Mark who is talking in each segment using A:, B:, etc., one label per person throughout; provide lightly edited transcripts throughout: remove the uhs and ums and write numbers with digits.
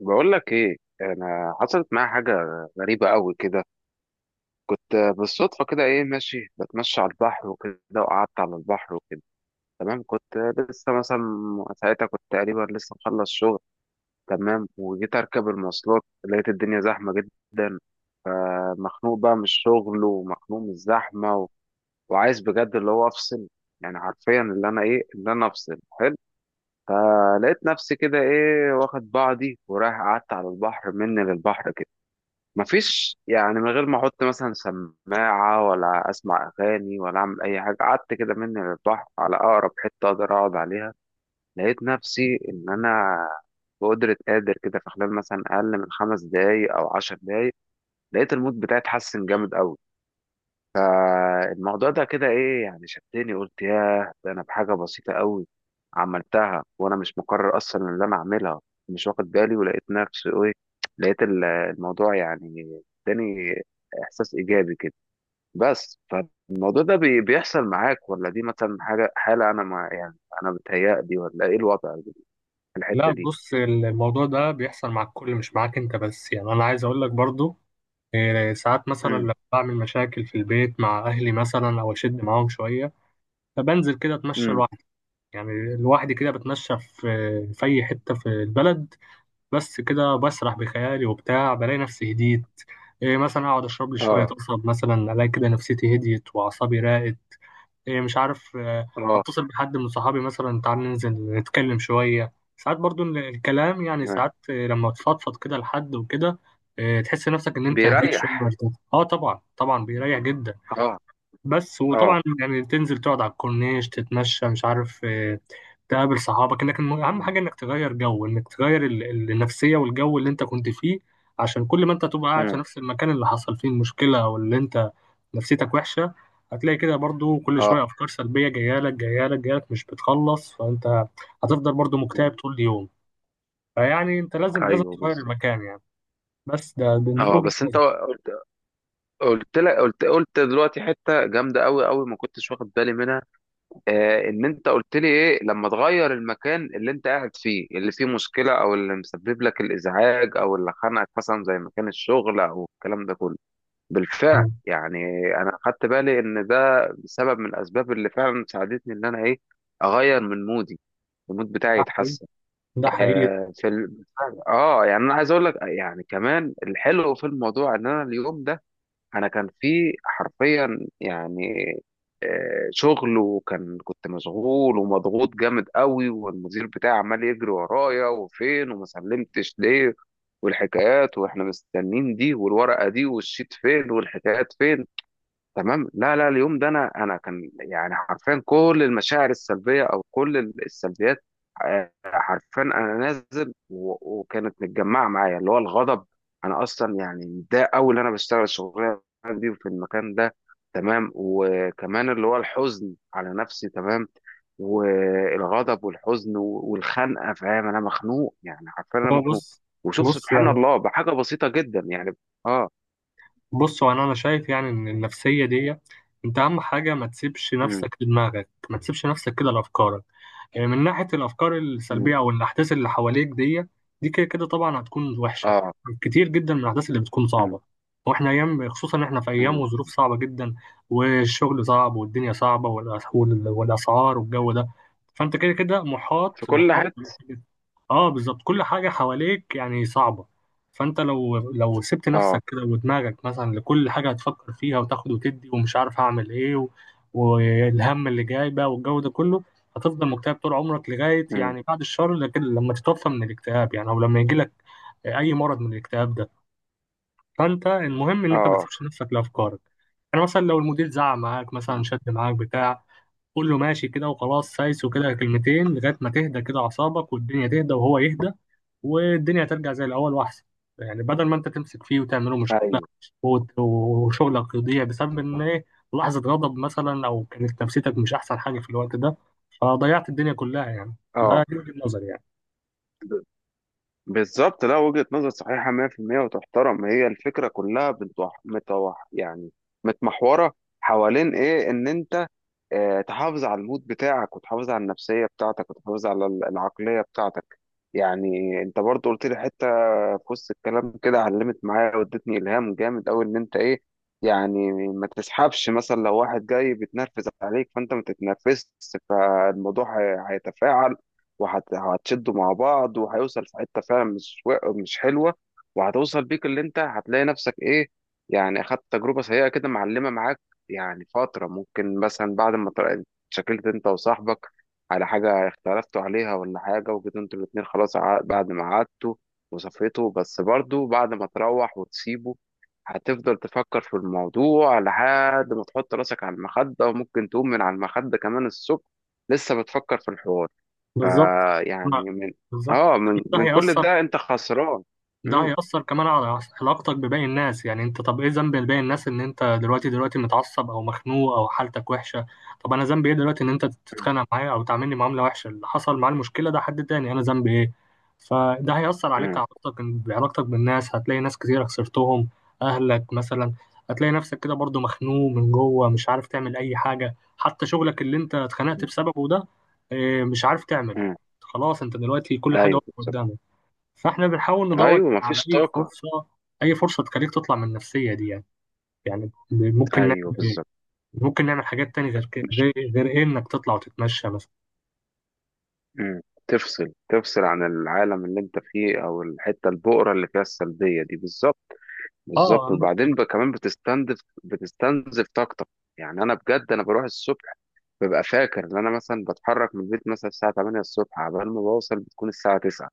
A: بقول لك ايه؟ انا حصلت معايا حاجه غريبه قوي كده. كنت بالصدفه كده ايه ماشي بتمشى على البحر وكده، وقعدت على البحر وكده. تمام، كنت لسه مثلا ساعتها كنت تقريبا لسه مخلص شغل. تمام، وجيت اركب المواصلات لقيت الدنيا زحمه جدا. فمخنوق بقى من الشغل ومخنوق من الزحمه وعايز بجد اللي هو افصل، يعني حرفيا اللي انا ايه اللي انا افصل حلو. فلقيت نفسي كده ايه واخد بعضي ورايح، قعدت على البحر مني للبحر، مفيش يعني، من غير ما احط مثلا سماعه ولا اسمع اغاني ولا اعمل اي حاجه. قعدت كده مني للبحر على اقرب حته اقدر اقعد عليها. لقيت نفسي ان انا بقدرة قادر كده في خلال مثلا اقل من خمس دقايق او عشر دقايق لقيت المود بتاعي اتحسن جامد قوي. الموضوع ده كده ايه يعني شدني، قلت ياه ده انا بحاجه بسيطه قوي عملتها وانا مش مقرر اصلا ان انا اعملها، مش واخد بالي. ولقيت نفسي ايه، لقيت الموضوع يعني اداني احساس ايجابي كده. بس فالموضوع ده بيحصل معاك ولا دي مثلا حاجه حاله انا، ما يعني انا بتهيألي ولا ايه الوضع في
B: لا
A: الحته دي؟
B: بص الموضوع ده بيحصل مع الكل مش معاك انت بس. يعني انا عايز اقول لك برضو إيه، ساعات مثلا
A: امم.
B: لما بعمل مشاكل في البيت مع اهلي مثلا او اشد معاهم شويه، فبنزل كده اتمشى
A: امم.
B: لوحدي، يعني لوحدي كده بتمشى في اي حته في البلد، بس كده بسرح بخيالي وبتاع، بلاقي نفسي هديت. إيه، مثلا اقعد اشرب لي شويه
A: اه.
B: قصب مثلا، الاقي كده نفسيتي هديت واعصابي راقت. إيه مش عارف
A: اه.
B: اتصل بحد من صحابي مثلا تعال ننزل نتكلم شوية، ساعات برضو الكلام يعني،
A: تمام.
B: ساعات آه، لما تفضفض كده لحد وكده، آه، تحس نفسك ان انت هديت شوية
A: بيريح.
B: وارتحت. اه طبعا طبعا بيريح جدا.
A: اه.
B: بس
A: اه.
B: وطبعا يعني تنزل تقعد على الكورنيش تتمشى مش عارف آه، تقابل صحابك، اهم حاجه انك تغير جو، انك تغير النفسيه والجو اللي انت كنت فيه. عشان كل ما انت تبقى قاعد في
A: امم.
B: نفس المكان اللي حصل فيه المشكله او اللي انت نفسيتك وحشه، هتلاقي كده برضو كل شويه
A: اه.
B: افكار سلبيه جايه لك مش بتخلص، فانت هتفضل برضو
A: امم.
B: مكتئب طول اليوم. فيعني انت لازم
A: ايوه
B: تغير
A: بالظبط.
B: المكان يعني. بس ده دي
A: اه.
B: وجهه
A: بس انت
B: نظري.
A: قلت، قلت لك قلت دلوقتي حته جامده قوي قوي ما كنتش واخد بالي منها. آه، ان انت قلت لي ايه، لما تغير المكان اللي انت قاعد فيه اللي فيه مشكله او اللي مسبب لك الازعاج او اللي خانقك، مثلا زي مكان الشغل او الكلام ده كله. بالفعل
B: تمام.
A: يعني. انا خدت بالي ان ده سبب من الاسباب اللي فعلا ساعدتني ان انا ايه، اغير من مودي، المود بتاعي
B: ده حقيقي،
A: يتحسن.
B: ده حقيقي.
A: آه في ال... اه يعني انا عايز اقول لك يعني كمان الحلو في الموضوع ان انا اليوم ده، انا كان في حرفيا يعني آه، شغل. وكان كنت مشغول ومضغوط جامد قوي، والمدير بتاعي عمال يجري ورايا وفين وما سلمتش ليه والحكايات، واحنا مستنين دي والورقة دي والشيت فين والحكايات فين. تمام. لا لا، اليوم ده انا كان يعني حرفيا كل المشاعر السلبيه او كل السلبيات آه، حرفيا انا نازل وكانت متجمعه معايا اللي هو الغضب. انا اصلا يعني متضايق قوي ان انا بشتغل الشغلانه دي وفي المكان ده. تمام. وكمان اللي هو الحزن على نفسي. تمام. والغضب والحزن والخنقه، فاهم؟ انا مخنوق، يعني حرفيا انا
B: هو
A: مخنوق.
B: بص
A: وشوف
B: بص
A: سبحان
B: يعني
A: الله بحاجه بسيطه جدا يعني. اه.
B: بص هو أنا شايف يعني ان النفسيه دي، انت اهم حاجه ما تسيبش
A: امم.
B: نفسك لدماغك، ما تسيبش نفسك كده لافكارك، يعني من ناحيه الافكار
A: امم.
B: السلبيه او الاحداث اللي حواليك دي، دي كده كده طبعا هتكون وحشه.
A: اه.
B: كتير جدا من الاحداث اللي بتكون صعبه، واحنا ايام، خصوصا احنا في ايام وظروف
A: امم.
B: صعبه جدا، والشغل صعب والدنيا صعبه والاسعار والجو ده، فانت كده كده محاط
A: في كل
B: محاط
A: حته.
B: اه بالظبط، كل حاجة حواليك يعني صعبة. فانت لو سبت
A: اه.
B: نفسك كده ودماغك مثلا لكل حاجة هتفكر فيها وتاخد وتدي ومش عارف هعمل ايه و... والهم اللي جاي بقى والجو ده كله، هتفضل مكتئب طول عمرك لغاية،
A: امم.
B: يعني بعد الشر، لكن لما تتوفى من الاكتئاب يعني، او لما يجيلك اي مرض من الاكتئاب ده. فانت المهم ان انت ما
A: اه.
B: تسيبش نفسك لافكارك. يعني مثلا لو المدير زعق معاك مثلا،
A: مم.
B: شد معاك بتاع، قول له ماشي كده وخلاص سايس وكده كلمتين لغاية ما تهدى كده اعصابك والدنيا تهدى وهو يهدى، والدنيا ترجع زي الأول وأحسن. يعني بدل ما أنت تمسك فيه وتعمله مشكلة
A: ايوه.
B: وشغلك يضيع بسبب إن إيه، لحظة غضب مثلا أو كانت نفسيتك مش أحسن حاجة في الوقت ده، فضيعت الدنيا كلها يعني.
A: اه.
B: دي وجهة نظري يعني.
A: ب- بالظبط. لا، وجهه نظر صحيحه 100% وتحترم. هي الفكره كلها بتوح متوح يعني، متمحوره حوالين ايه، ان انت آه، تحافظ على المود بتاعك وتحافظ على النفسية بتاعتك وتحافظ على العقلية بتاعتك. يعني انت برضو قلت لي حتة في وسط الكلام كده علمت معايا وادتني إلهام جامد أوي، إن أنت إيه، يعني ما تسحبش. مثلا لو واحد جاي بيتنرفز عليك فأنت ما تتنرفزش، فالموضوع هيتفاعل وهتشدوا مع بعض وهيوصل في حتة فعلا مش حلوة، وهتوصل بيك اللي أنت هتلاقي نفسك إيه، يعني أخدت تجربة سيئة كده معلمة معاك. يعني فترة، ممكن مثلا بعد ما اتشكلت انت وصاحبك على حاجة اختلفتوا عليها ولا حاجة، وجيتوا انتوا الاتنين خلاص، بعد ما قعدتوا وصفيتوا، بس برضو بعد ما تروح وتسيبه هتفضل تفكر في الموضوع لحد ما تحط راسك على المخدة. وممكن تقوم من على المخدة كمان الصبح لسه بتفكر في الحوار.
B: بالظبط.
A: فيعني
B: لا،
A: من،
B: بالظبط.
A: اه، من
B: ده
A: من كل
B: هيأثر،
A: ده انت خسران.
B: ده
A: مم.
B: هيأثر كمان على علاقتك بباقي الناس. يعني انت، طب ايه ذنب باقي الناس ان انت دلوقتي متعصب او مخنوق او حالتك وحشة؟ طب انا ذنبي ايه دلوقتي ان انت تتخانق معايا او تعاملني معاملة وحشة؟ اللي حصل معاه المشكلة ده حد تاني، انا ذنبي ايه؟ فده هيأثر عليك،
A: مم.
B: علاقتك بعلاقتك بالناس، هتلاقي ناس كتير خسرتهم، اهلك مثلا. هتلاقي نفسك كده برضو مخنوق من جوه، مش عارف تعمل اي حاجة، حتى شغلك اللي انت اتخانقت
A: مم.
B: بسببه ده اه، مش عارف تعمل.
A: مم.
B: خلاص انت دلوقتي كل حاجة
A: ايوه
B: واقفة
A: بالظبط.
B: قدامك. فاحنا بنحاول ندور
A: ايوه
B: على
A: مفيش
B: اي
A: طاقة.
B: فرصه، اي فرصه تخليك تطلع من النفسيه دي يعني. يعني ممكن نعمل
A: ايوه
B: ايه،
A: بالظبط.
B: ممكن نعمل حاجات تانية غير كده، غير غير إيه، انك تطلع وتتمشى مثلا،
A: مم. تفصل، تفصل عن العالم اللي انت فيه او الحته البؤره اللي فيها السلبيه دي بالظبط.
B: اه
A: بالظبط.
B: ممكن.
A: وبعدين كمان بتستنزف، بتستنزف طاقتك. يعني انا بجد انا بروح الصبح، ببقى فاكر ان انا مثلا بتحرك من البيت مثلا الساعه 8 الصبح عبال ما بوصل بتكون الساعه 9.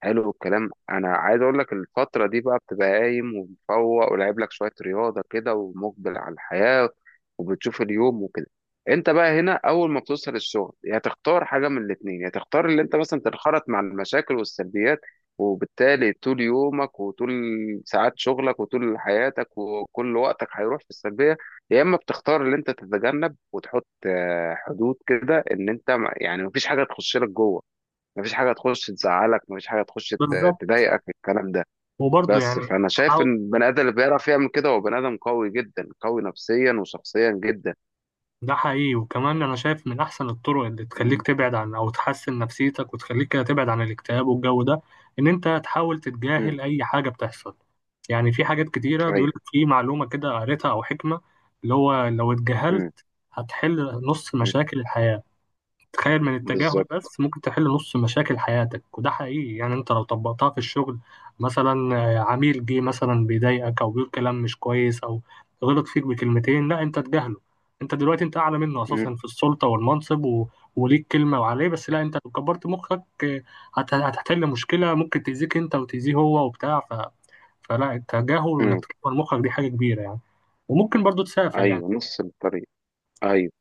A: حلو الكلام. انا عايز اقول لك الفتره دي بقى بتبقى قايم ومفوق ولعب لك شويه رياضه كده ومقبل على الحياه وبتشوف اليوم وكده. انت بقى هنا اول ما بتوصل الشغل يا تختار حاجه من الاثنين، يا تختار اللي انت مثلا تنخرط مع المشاكل والسلبيات وبالتالي طول يومك وطول ساعات شغلك وطول حياتك وكل وقتك هيروح في السلبيه، يا اما بتختار اللي انت تتجنب وتحط آه، حدود كده ان انت يعني مفيش حاجه تخش لك جوه، مفيش حاجه تخش تزعلك، مفيش حاجه تخش
B: بالظبط،
A: تضايقك، الكلام ده.
B: وبرضه
A: بس
B: يعني
A: فانا شايف
B: حاول.
A: ان البني ادم اللي بيعرف يعمل كده هو بني ادم قوي جدا، قوي نفسيا وشخصيا جدا.
B: ده حقيقي، وكمان انا شايف من احسن الطرق اللي تخليك تبعد عن او تحسن نفسيتك وتخليك كده تبعد عن الاكتئاب والجو ده، ان انت تحاول
A: امم.
B: تتجاهل اي حاجه بتحصل. يعني في حاجات كتيره بيقول
A: ايوه.
B: لك، في معلومه كده قريتها او حكمه، اللي هو لو
A: امم.
B: اتجاهلت هتحل نص
A: امم.
B: مشاكل الحياه. تخيل، من التجاهل
A: بالظبط.
B: بس ممكن تحل نص مشاكل حياتك، وده حقيقي يعني. انت لو طبقتها في الشغل مثلا، آه، عميل جه مثلا بيضايقك او بيقول كلام مش كويس او غلط فيك بكلمتين، لا انت تجاهله. انت دلوقتي انت اعلى منه اساسا
A: امم.
B: في السلطه والمنصب و... وليك كلمه وعليه، بس لا، انت لو كبرت مخك آه، هت... هتحل مشكله ممكن تاذيك انت وتاذيه هو وبتاع ف... فلا، التجاهل وانك
A: امم.
B: تكبر مخك دي حاجه كبيره يعني. وممكن برضو تسافر يعني.
A: ايوه نص الطريق. ايوه.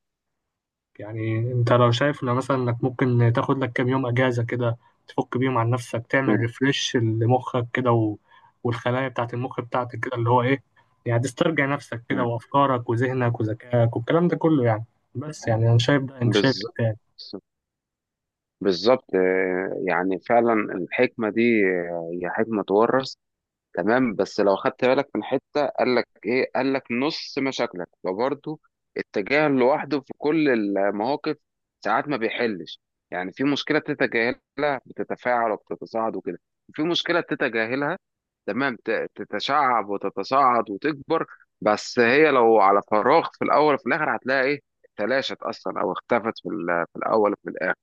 B: يعني انت لو شايف، لو مثلا انك ممكن تاخد لك كام يوم اجازة كده، تفك بيهم عن نفسك، تعمل
A: امم.
B: ريفرش لمخك كده و... والخلايا بتاعت المخ بتاعتك كده، اللي هو ايه، يعني تسترجع نفسك كده
A: امم.
B: وافكارك وذهنك وذكائك والكلام ده كله يعني. بس يعني انا شايف ده، انت شايف إيه
A: بالظبط.
B: تاني؟
A: بالظبط آه، يعني فعلا الحكمه دي آه، هي حكمه تورث. تمام. بس لو خدت بالك من حتة، قال لك ايه؟ قال لك نص مشاكلك، فبرضه التجاهل لوحده في كل المواقف ساعات ما بيحلش. يعني في مشكلة تتجاهلها بتتفاعل وبتتصاعد وكده، وفي مشكلة تتجاهلها تمام تتشعب وتتصاعد وتكبر. بس هي لو على فراغ في الاول وفي الاخر هتلاقي ايه، تلاشت اصلا او اختفت في في الاول وفي الاخر.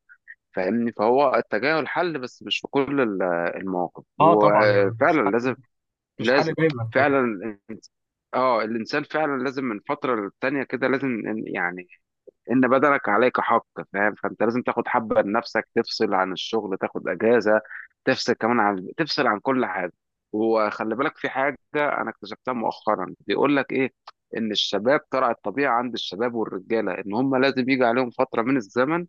A: فاهمني؟ فهو التجاهل حل بس مش في كل المواقف.
B: اه طبعا يعني مش
A: وفعلا
B: حل،
A: لازم،
B: مش حل
A: لازم
B: دايما
A: فعلا. الإنس- اه الانسان فعلا لازم من فتره للتانيه كده، لازم يعني ان بدنك عليك حق، فاهم؟ فانت لازم تاخد حبه لنفسك، تفصل عن الشغل، تاخد اجازه، تفصل كمان عن، تفصل عن كل حاجه. وخلي بالك في حاجه انا اكتشفتها مؤخرا، بيقول لك ايه، ان الشباب طلع الطبيعه عند الشباب والرجاله ان هم لازم يجي عليهم فتره من الزمن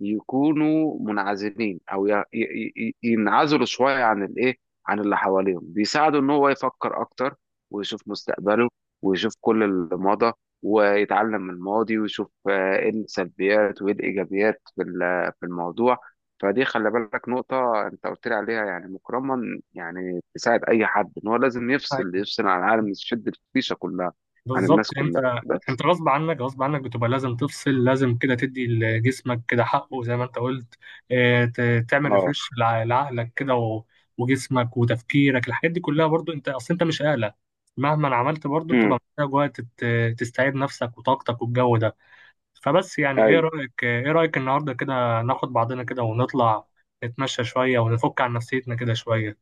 A: يكونوا منعزلين او ينعزلوا شويه عن الايه، عن اللي حواليهم. بيساعده ان هو يفكر اكتر، ويشوف مستقبله، ويشوف كل اللي مضى، ويتعلم من الماضي، ويشوف آه، ايه السلبيات وايه الايجابيات في في الموضوع. فدي خلي بالك نقطة انت قلت لي عليها يعني مكرما، يعني تساعد اي حد، ان هو لازم
B: طبعا.
A: يفصل، يفصل عن العالم، يشد الفيشة كلها عن
B: بالظبط.
A: الناس
B: انت،
A: كلها. بس
B: انت غصب عنك بتبقى لازم تفصل، لازم كده تدي لجسمك كده حقه زي ما انت قلت. اه، تعمل
A: اه.
B: ريفرش لعقلك كده و- وجسمك وتفكيرك، الحاجات دي كلها برضو، انت اصل انت مش آلة. مهما عملت برضو
A: امم.
B: بتبقى محتاج وقت تستعيد نفسك وطاقتك والجو ده. فبس يعني،
A: ايوه.
B: ايه رأيك النهارده كده ناخد بعضنا كده ونطلع نتمشى شوية ونفك عن نفسيتنا كده شوية؟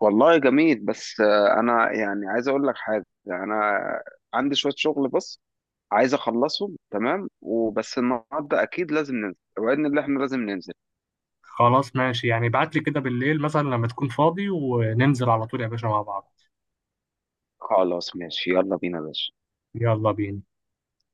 A: والله جميل. بس آه، انا يعني عايز اقول لك حاجة. انا عندي شوية شغل بس عايز اخلصهم، تمام؟ وبس النهارده اكيد لازم ننزل، وعدنا اللي احنا لازم ننزل.
B: خلاص ماشي يعني، ابعت لي كده بالليل مثلا لما تكون فاضي وننزل على طول يا باشا مع بعض.
A: خلاص ماشي، يلا بينا يا باشا.
B: يلا بينا.